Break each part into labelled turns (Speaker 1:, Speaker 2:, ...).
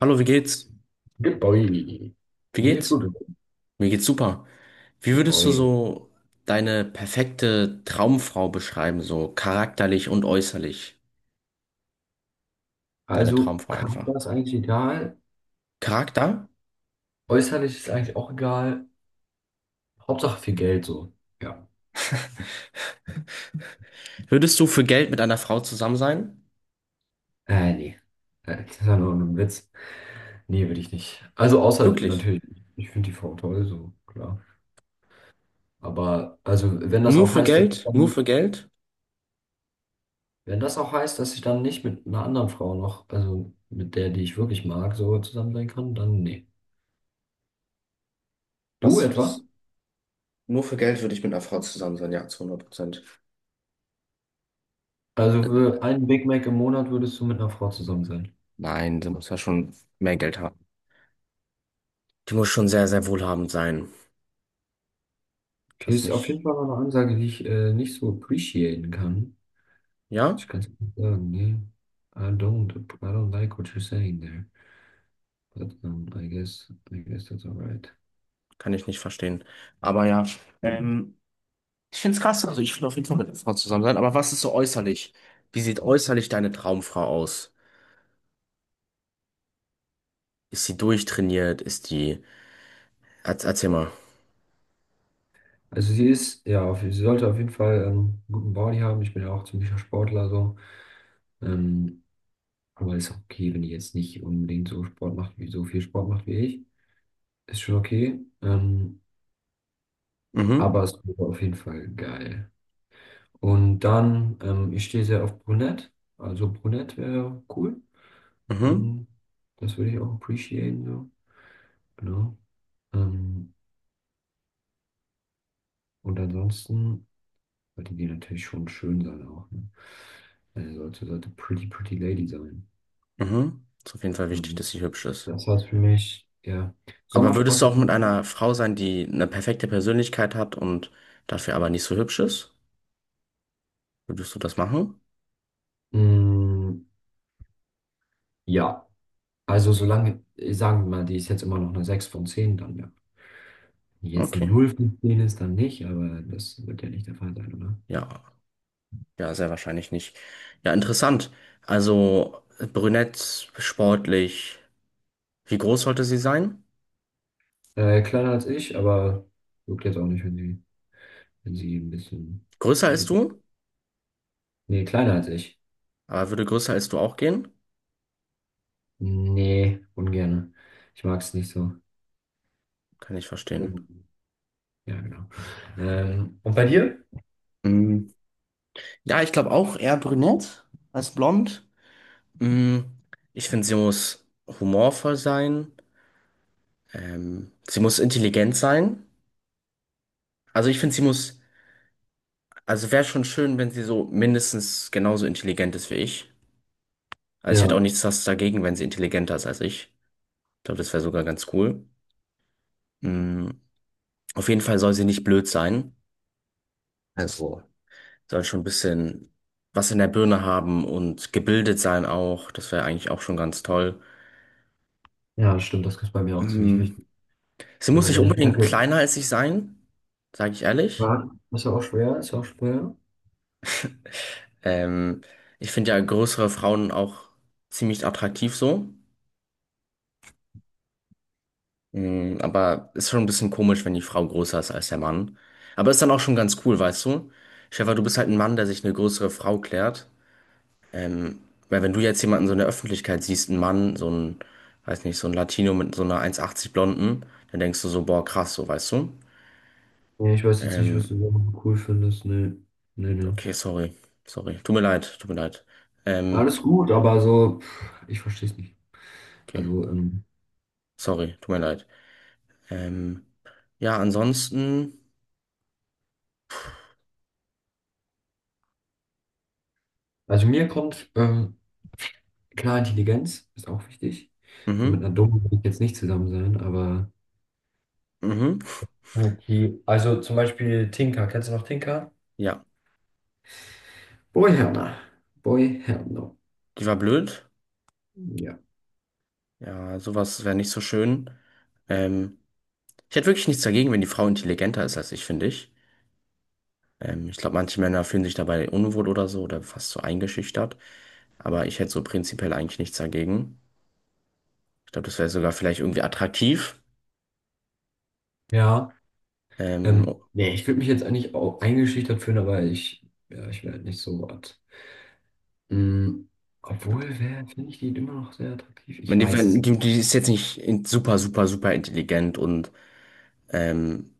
Speaker 1: Hallo, wie geht's?
Speaker 2: Good boy.
Speaker 1: Wie
Speaker 2: Mir geht's
Speaker 1: geht's?
Speaker 2: gut.
Speaker 1: Mir geht's super. Wie
Speaker 2: Good
Speaker 1: würdest du
Speaker 2: boy.
Speaker 1: so deine perfekte Traumfrau beschreiben, so charakterlich und äußerlich? Deine
Speaker 2: Also,
Speaker 1: Traumfrau einfach.
Speaker 2: Charakter ist eigentlich egal.
Speaker 1: Charakter?
Speaker 2: Äußerlich ist eigentlich auch egal. Hauptsache viel Geld so. Ja.
Speaker 1: Würdest du für Geld mit einer Frau zusammen sein?
Speaker 2: Nee. Das ist ja nur ein Witz. Nee, will ich nicht. Also, außer
Speaker 1: Wirklich?
Speaker 2: natürlich, ich finde die Frau toll, so, klar. Aber, also, wenn das
Speaker 1: Nur
Speaker 2: auch
Speaker 1: für
Speaker 2: heißt, dass ich
Speaker 1: Geld? Nur für
Speaker 2: dann,
Speaker 1: Geld?
Speaker 2: wenn das auch heißt, dass ich dann nicht mit einer anderen Frau noch, also mit der, die ich wirklich mag, so zusammen sein kann, dann nee. Du
Speaker 1: Was
Speaker 2: etwa?
Speaker 1: würdest, nur für Geld würde ich mit einer Frau zusammen sein, ja, zu 100%.
Speaker 2: Also, für einen Big Mac im Monat würdest du mit einer Frau zusammen sein?
Speaker 1: Nein, sie muss ja schon mehr Geld haben. Die muss schon sehr, sehr wohlhabend sein.
Speaker 2: Okay,
Speaker 1: Das
Speaker 2: ist auf
Speaker 1: mich,
Speaker 2: jeden Fall mal eine Ansage, die ich nicht so appreciaten kann.
Speaker 1: ja?
Speaker 2: Ich kann es nicht sagen, ne? I don't like what you're saying there. But I guess that's alright.
Speaker 1: Kann ich nicht verstehen. Aber ja. Ähm, Ich finde es krass, also ich will auf jeden Fall mit einer Frau zusammen sein, aber was ist so äußerlich? Wie sieht äußerlich deine Traumfrau aus? Ist sie durchtrainiert? Ist die. Erzähl mal.
Speaker 2: Also sie ist, ja, auf, sie sollte auf jeden Fall einen guten Body haben. Ich bin ja auch ziemlicher Sportler so. Ähm, aber ist auch okay, wenn die jetzt nicht unbedingt so Sport macht, wie so viel Sport macht wie ich. Ist schon okay.
Speaker 1: Mhm,
Speaker 2: Aber es wäre auf jeden Fall geil. Und dann, ich stehe sehr auf Brunette. Also Brunette wäre cool.
Speaker 1: mhm,
Speaker 2: Ähm, Das würde ich auch appreciaten, so. Genau. Ähm, und ansonsten sollte die natürlich schon schön sein auch. Ne? Sollte Pretty Pretty Lady sein.
Speaker 1: mhm. Ist auf jeden Fall wichtig, dass sie
Speaker 2: Und
Speaker 1: hübsch ist.
Speaker 2: das heißt für mich, ja,
Speaker 1: Aber würdest du auch mit
Speaker 2: Sommersprossen.
Speaker 1: einer Frau sein, die eine perfekte Persönlichkeit hat und dafür aber nicht so hübsch ist? Würdest du das machen?
Speaker 2: Mm, ja, also solange, sagen wir mal, die ist jetzt immer noch eine 6 von zehn, dann ja. Wenn die jetzt eine
Speaker 1: Okay.
Speaker 2: null von zehn ist, dann nicht, aber das wird ja nicht der Fall sein.
Speaker 1: Ja, ja, sehr wahrscheinlich nicht. Ja, interessant. Also brünett, sportlich. Wie groß sollte sie sein?
Speaker 2: Kleiner als ich, aber juckt jetzt auch nicht, wenn sie, wenn sie ein bisschen.
Speaker 1: Größer
Speaker 2: Wenn
Speaker 1: als
Speaker 2: sie,
Speaker 1: du?
Speaker 2: Nee, kleiner als ich.
Speaker 1: Aber würde größer als du auch gehen?
Speaker 2: Nee, ungerne. Ich mag es nicht so.
Speaker 1: Kann ich verstehen.
Speaker 2: Ja, genau. Und bei dir?
Speaker 1: Mm, ja, ich glaube auch eher brünett als blond. Mm, ich finde, sie muss humorvoll sein. Sie muss intelligent sein. Also ich finde, sie muss, also wäre schon schön, wenn sie so mindestens genauso intelligent ist wie ich. Also ich
Speaker 2: Ja,
Speaker 1: hätte auch nichts was dagegen, wenn sie intelligenter ist als ich. Ich glaube, das wäre sogar ganz cool. Mm, auf jeden Fall soll sie nicht blöd sein. Also, soll schon ein bisschen was in der Birne haben und gebildet sein auch. Das wäre eigentlich auch schon ganz toll.
Speaker 2: ja, stimmt, das ist bei mir auch ziemlich
Speaker 1: Mhm.
Speaker 2: wichtig.
Speaker 1: Sie muss
Speaker 2: So,
Speaker 1: nicht
Speaker 2: wenn ich
Speaker 1: unbedingt
Speaker 2: merke,
Speaker 1: kleiner als ich sein, sage ich ehrlich.
Speaker 2: ah, ist ja auch schwer.
Speaker 1: Ähm, Ich finde ja größere Frauen auch ziemlich attraktiv so. Mhm, aber ist schon ein bisschen komisch, wenn die Frau größer ist als der Mann. Aber ist dann auch schon ganz cool, weißt du? Stefan, du bist halt ein Mann, der sich eine größere Frau klärt. Ähm, Weil wenn du jetzt jemanden so in der Öffentlichkeit siehst, einen Mann, so ein, weiß nicht, so ein Latino mit so einer 1,80 Blonden, dann denkst du so, boah, krass, so, weißt du?
Speaker 2: Nee, ich weiß jetzt nicht, was
Speaker 1: Ähm,
Speaker 2: du so cool findest. Nee, nee, nee.
Speaker 1: okay, sorry, sorry, tut mir leid, tut mir leid. Ähm,
Speaker 2: Alles gut, aber so, pff, ich verstehe es nicht.
Speaker 1: okay,
Speaker 2: Also, ähm,
Speaker 1: sorry, tut mir leid. Ähm, ja, ansonsten,
Speaker 2: also mir kommt, klar, Intelligenz ist auch wichtig. So mit
Speaker 1: mhm,
Speaker 2: einer Dummen würde ich jetzt nicht zusammen sein, aber
Speaker 1: mhm,
Speaker 2: okay. Also zum Beispiel Tinker. Kennst du noch Tinker?
Speaker 1: ja,
Speaker 2: Boy Herner. Boy Herner.
Speaker 1: die war blöd.
Speaker 2: Ja.
Speaker 1: Ja, sowas wäre nicht so schön. Ähm, Ich hätte wirklich nichts dagegen, wenn die Frau intelligenter ist als ich, finde ich. Ich glaube, manche Männer fühlen sich dabei unwohl oder so oder fast so eingeschüchtert. Aber ich hätte so prinzipiell eigentlich nichts dagegen. Ich glaube, das wäre sogar vielleicht irgendwie attraktiv.
Speaker 2: Ja.
Speaker 1: Ähm,
Speaker 2: Nee, ich würde mich jetzt eigentlich auch eingeschüchtert fühlen, ja, ich wäre halt nicht so was. Mm, obwohl, wer finde ich die immer noch sehr attraktiv?
Speaker 1: wenn
Speaker 2: Ich
Speaker 1: die,
Speaker 2: weiß es
Speaker 1: wenn
Speaker 2: nicht.
Speaker 1: die, die ist jetzt nicht super, super, super intelligent und, ähm,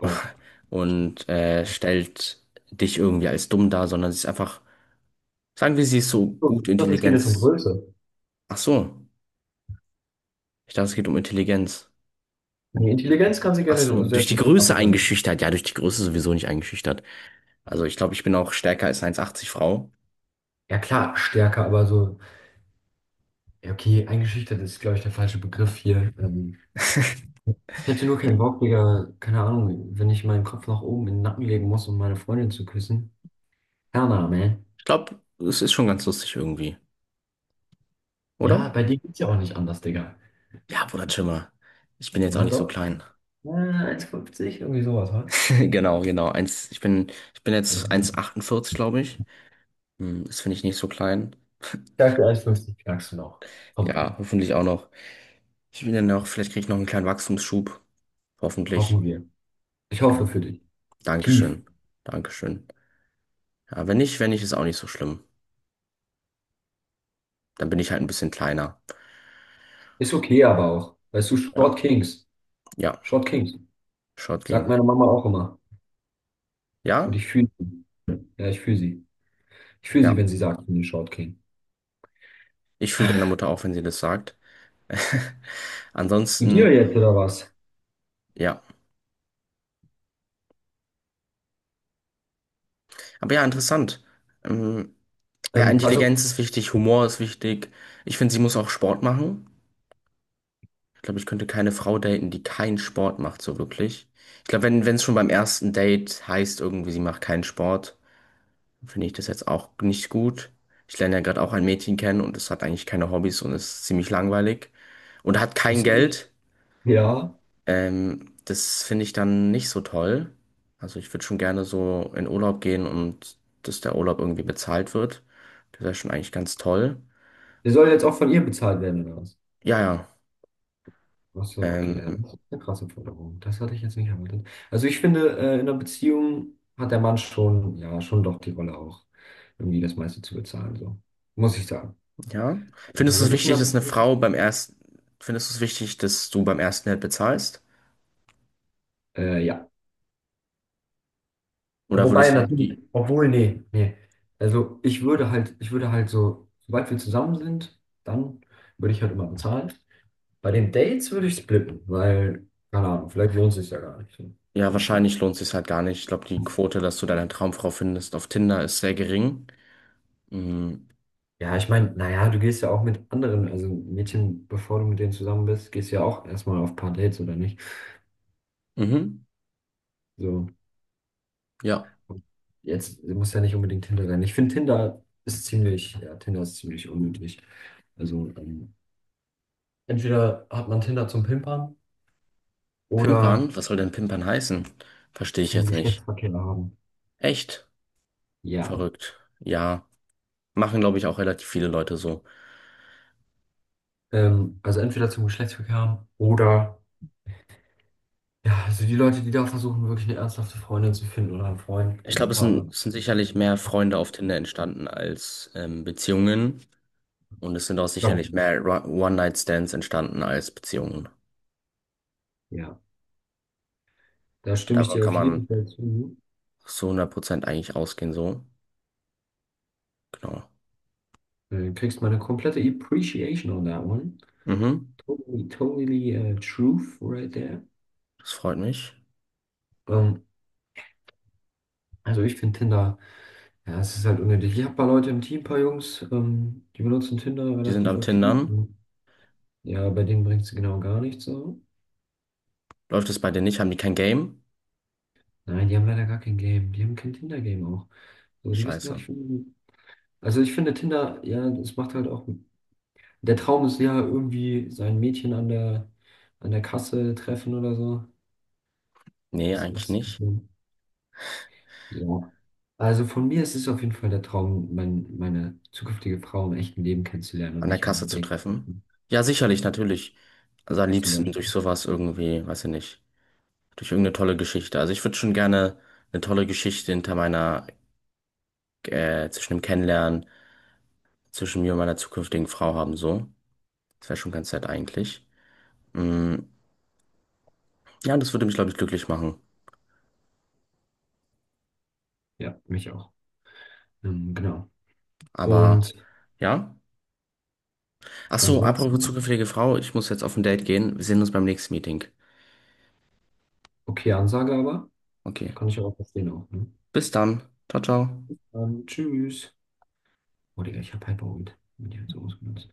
Speaker 2: Oh.
Speaker 1: und stellt dich irgendwie als dumm dar, sondern sie ist einfach, sagen wir, sie ist so
Speaker 2: So,
Speaker 1: gut
Speaker 2: ich dachte, es geht jetzt um
Speaker 1: Intelligenz.
Speaker 2: Größe.
Speaker 1: Ach so, ich dachte, es geht um Intelligenz.
Speaker 2: Die Intelligenz kann sie
Speaker 1: Ach
Speaker 2: gerne
Speaker 1: so,
Speaker 2: sehr
Speaker 1: durch die
Speaker 2: viel
Speaker 1: Größe
Speaker 2: stärker sein.
Speaker 1: eingeschüchtert. Ja, durch die Größe sowieso nicht eingeschüchtert. Also ich glaube, ich bin auch stärker als 1,80 Frau.
Speaker 2: Ja klar, stärker, aber so. Ja, okay, eingeschüchtert ist, glaube ich, der falsche Begriff hier. Ich hätte nur keinen Bock, Digga, keine Ahnung, wenn ich meinen Kopf nach oben in den Nacken legen muss, um meine Freundin zu küssen. Kana, man.
Speaker 1: Ich glaube, es ist schon ganz lustig irgendwie,
Speaker 2: Ja,
Speaker 1: oder?
Speaker 2: bei dir geht's ja auch nicht anders, Digga.
Speaker 1: Ja, Bruder, chill mal. Ich bin jetzt auch
Speaker 2: Ja,
Speaker 1: nicht so
Speaker 2: doch.
Speaker 1: klein.
Speaker 2: 1,50, irgendwie sowas, ha?
Speaker 1: Genau, genau. Ich bin jetzt
Speaker 2: Mhm.
Speaker 1: 1,48, glaube ich. Hm, das finde ich nicht so klein.
Speaker 2: Ich sag 1,50 knackst du noch. Komm
Speaker 1: Ja,
Speaker 2: schon.
Speaker 1: hoffentlich auch noch. Ich bin dann noch, vielleicht kriege ich noch einen kleinen Wachstumsschub. Hoffentlich.
Speaker 2: Hoffen wir. Ich hoffe für
Speaker 1: Ähm,
Speaker 2: dich. Tief.
Speaker 1: Dankeschön. Dankeschön. Ja, wenn nicht, wenn nicht, ist auch nicht so schlimm. Dann bin ich halt ein bisschen kleiner.
Speaker 2: Ist okay, aber auch. Weißt du,
Speaker 1: Ja,
Speaker 2: Short Kings.
Speaker 1: ja.
Speaker 2: Short Kings.
Speaker 1: Short
Speaker 2: Sagt
Speaker 1: ging.
Speaker 2: meine Mama auch immer. Und
Speaker 1: Ja?
Speaker 2: ich fühle sie. Ja, ich fühle sie. Ich fühle sie,
Speaker 1: Ja.
Speaker 2: wenn sie sagt, ich bin ein Short King.
Speaker 1: Ich fühle deine Mutter auch, wenn sie das sagt.
Speaker 2: Zu dir
Speaker 1: Ansonsten,
Speaker 2: jetzt oder was?
Speaker 1: ja. Aber ja, interessant. Ähm, ja,
Speaker 2: Ähm, also,
Speaker 1: Intelligenz ist wichtig, Humor ist wichtig. Ich finde, sie muss auch Sport machen. Ich glaube, ich könnte keine Frau daten, die keinen Sport macht, so wirklich. Ich glaube, wenn, wenn es schon beim ersten Date heißt, irgendwie, sie macht keinen Sport, finde ich das jetzt auch nicht gut. Ich lerne ja gerade auch ein Mädchen kennen und es hat eigentlich keine Hobbys und ist ziemlich langweilig und hat kein
Speaker 2: ist nicht,
Speaker 1: Geld.
Speaker 2: ja,
Speaker 1: Das finde ich dann nicht so toll. Also ich würde schon gerne so in Urlaub gehen und dass der Urlaub irgendwie bezahlt wird. Das wäre schon eigentlich ganz toll.
Speaker 2: der soll jetzt auch von ihr bezahlt werden oder was?
Speaker 1: Ja, ja.
Speaker 2: Ach so, okay, ja,
Speaker 1: Ähm,
Speaker 2: das ist eine krasse Forderung. Das hatte ich jetzt nicht erwartet. Also, ich finde, in einer Beziehung hat der Mann schon, ja, schon doch die Rolle auch, irgendwie das meiste zu bezahlen, so. Muss ich sagen.
Speaker 1: ja.
Speaker 2: Also,
Speaker 1: Findest du es
Speaker 2: wenn ich in
Speaker 1: wichtig,
Speaker 2: einer
Speaker 1: dass eine
Speaker 2: Beziehung,
Speaker 1: Frau beim ersten, findest du es wichtig, dass du beim ersten Date bezahlst?
Speaker 2: ja.
Speaker 1: Oder
Speaker 2: Wobei
Speaker 1: würdest du auch
Speaker 2: natürlich,
Speaker 1: die,
Speaker 2: obwohl, nee, nee. Also, ich würde halt so, sobald wir zusammen sind, dann würde ich halt immer bezahlen. Bei den Dates würde ich splitten, weil, keine Ahnung, vielleicht lohnt es sich ja gar nicht. Was
Speaker 1: ja,
Speaker 2: denkst du?
Speaker 1: wahrscheinlich lohnt sich halt gar nicht. Ich glaube, die Quote, dass du deine Traumfrau findest auf Tinder ist sehr gering. Mhm.
Speaker 2: Ja, ich meine, naja, du gehst ja auch mit anderen, also Mädchen, bevor du mit denen zusammen bist, gehst du ja auch erstmal auf ein paar Dates, oder nicht?
Speaker 1: Mhm.
Speaker 2: So,
Speaker 1: Ja.
Speaker 2: jetzt muss ja nicht unbedingt Tinder sein. Ich finde, ja, Tinder ist ziemlich unnötig. Also, entweder hat man Tinder zum Pimpern oder
Speaker 1: Pimpern? Was soll denn Pimpern heißen? Verstehe ich
Speaker 2: zum
Speaker 1: jetzt nicht.
Speaker 2: Geschlechtsverkehr haben.
Speaker 1: Echt?
Speaker 2: Ja.
Speaker 1: Verrückt. Ja. Machen, glaube ich, auch relativ viele Leute so.
Speaker 2: Also entweder zum Geschlechtsverkehr haben oder ja, also die Leute, die da versuchen, wirklich eine ernsthafte Freundin zu finden oder einen Freund oder
Speaker 1: Ich
Speaker 2: einen
Speaker 1: glaube, es
Speaker 2: Partner.
Speaker 1: sind, es sind sicherlich mehr Freunde auf Tinder entstanden als Beziehungen. Und es sind auch
Speaker 2: Glaub ich
Speaker 1: sicherlich
Speaker 2: nicht.
Speaker 1: mehr One-Night-Stands entstanden als Beziehungen.
Speaker 2: Ja, da stimme ich
Speaker 1: Davon
Speaker 2: dir auf
Speaker 1: kann man
Speaker 2: jeden Fall zu.
Speaker 1: so 100% eigentlich ausgehen, so. Genau.
Speaker 2: Du kriegst meine komplette Appreciation on that one.
Speaker 1: Mhm.
Speaker 2: Totally, totally truth right there.
Speaker 1: Das freut mich.
Speaker 2: Ähm, also ich finde Tinder, ja, es ist halt unnötig. Ich habe ein paar Leute im Team, ein paar Jungs, die benutzen Tinder
Speaker 1: Die sind
Speaker 2: relativ
Speaker 1: am
Speaker 2: aktiv.
Speaker 1: Tindern.
Speaker 2: Und ja, bei denen bringt es genau gar nichts so.
Speaker 1: Läuft es bei denen nicht? Haben die kein Game?
Speaker 2: Nein, die haben leider gar kein Game. Die haben kein Tinder-Game auch. So, die wissen gar
Speaker 1: Scheiße.
Speaker 2: nicht, wie. Also ich finde Tinder, ja, es macht halt auch. Der Traum ist ja irgendwie sein Mädchen an der Kasse treffen oder so.
Speaker 1: Nee, eigentlich
Speaker 2: Ist
Speaker 1: nicht.
Speaker 2: so. Ja. Also von mir ist es auf jeden Fall der Traum, meine zukünftige Frau im echten Leben kennenzulernen und
Speaker 1: An der
Speaker 2: nicht in meiner
Speaker 1: Kasse zu
Speaker 2: dating
Speaker 1: treffen. Ja, sicherlich, natürlich. Also am
Speaker 2: zum
Speaker 1: liebsten
Speaker 2: Beispiel.
Speaker 1: durch sowas irgendwie, weiß ich nicht. Durch irgendeine tolle Geschichte. Also ich würde schon gerne eine tolle Geschichte hinter meiner, zwischen dem Kennenlernen, zwischen mir und meiner zukünftigen Frau haben, so. Das wäre schon ganz nett eigentlich. Mm, ja, das würde mich, glaube ich, glücklich machen.
Speaker 2: Ja, mich auch. Genau.
Speaker 1: Aber
Speaker 2: Und
Speaker 1: ja. Ach so, apropos
Speaker 2: ansonsten,
Speaker 1: zukünftige Frau, ich muss jetzt auf ein Date gehen. Wir sehen uns beim nächsten Meeting.
Speaker 2: okay, Ansage aber,
Speaker 1: Okay.
Speaker 2: kann ich auch verstehen auch. Ne?
Speaker 1: Bis dann. Ciao, ciao.
Speaker 2: Tschüss. Oh, Digga, ich hab Hyperwind. Bin ich jetzt so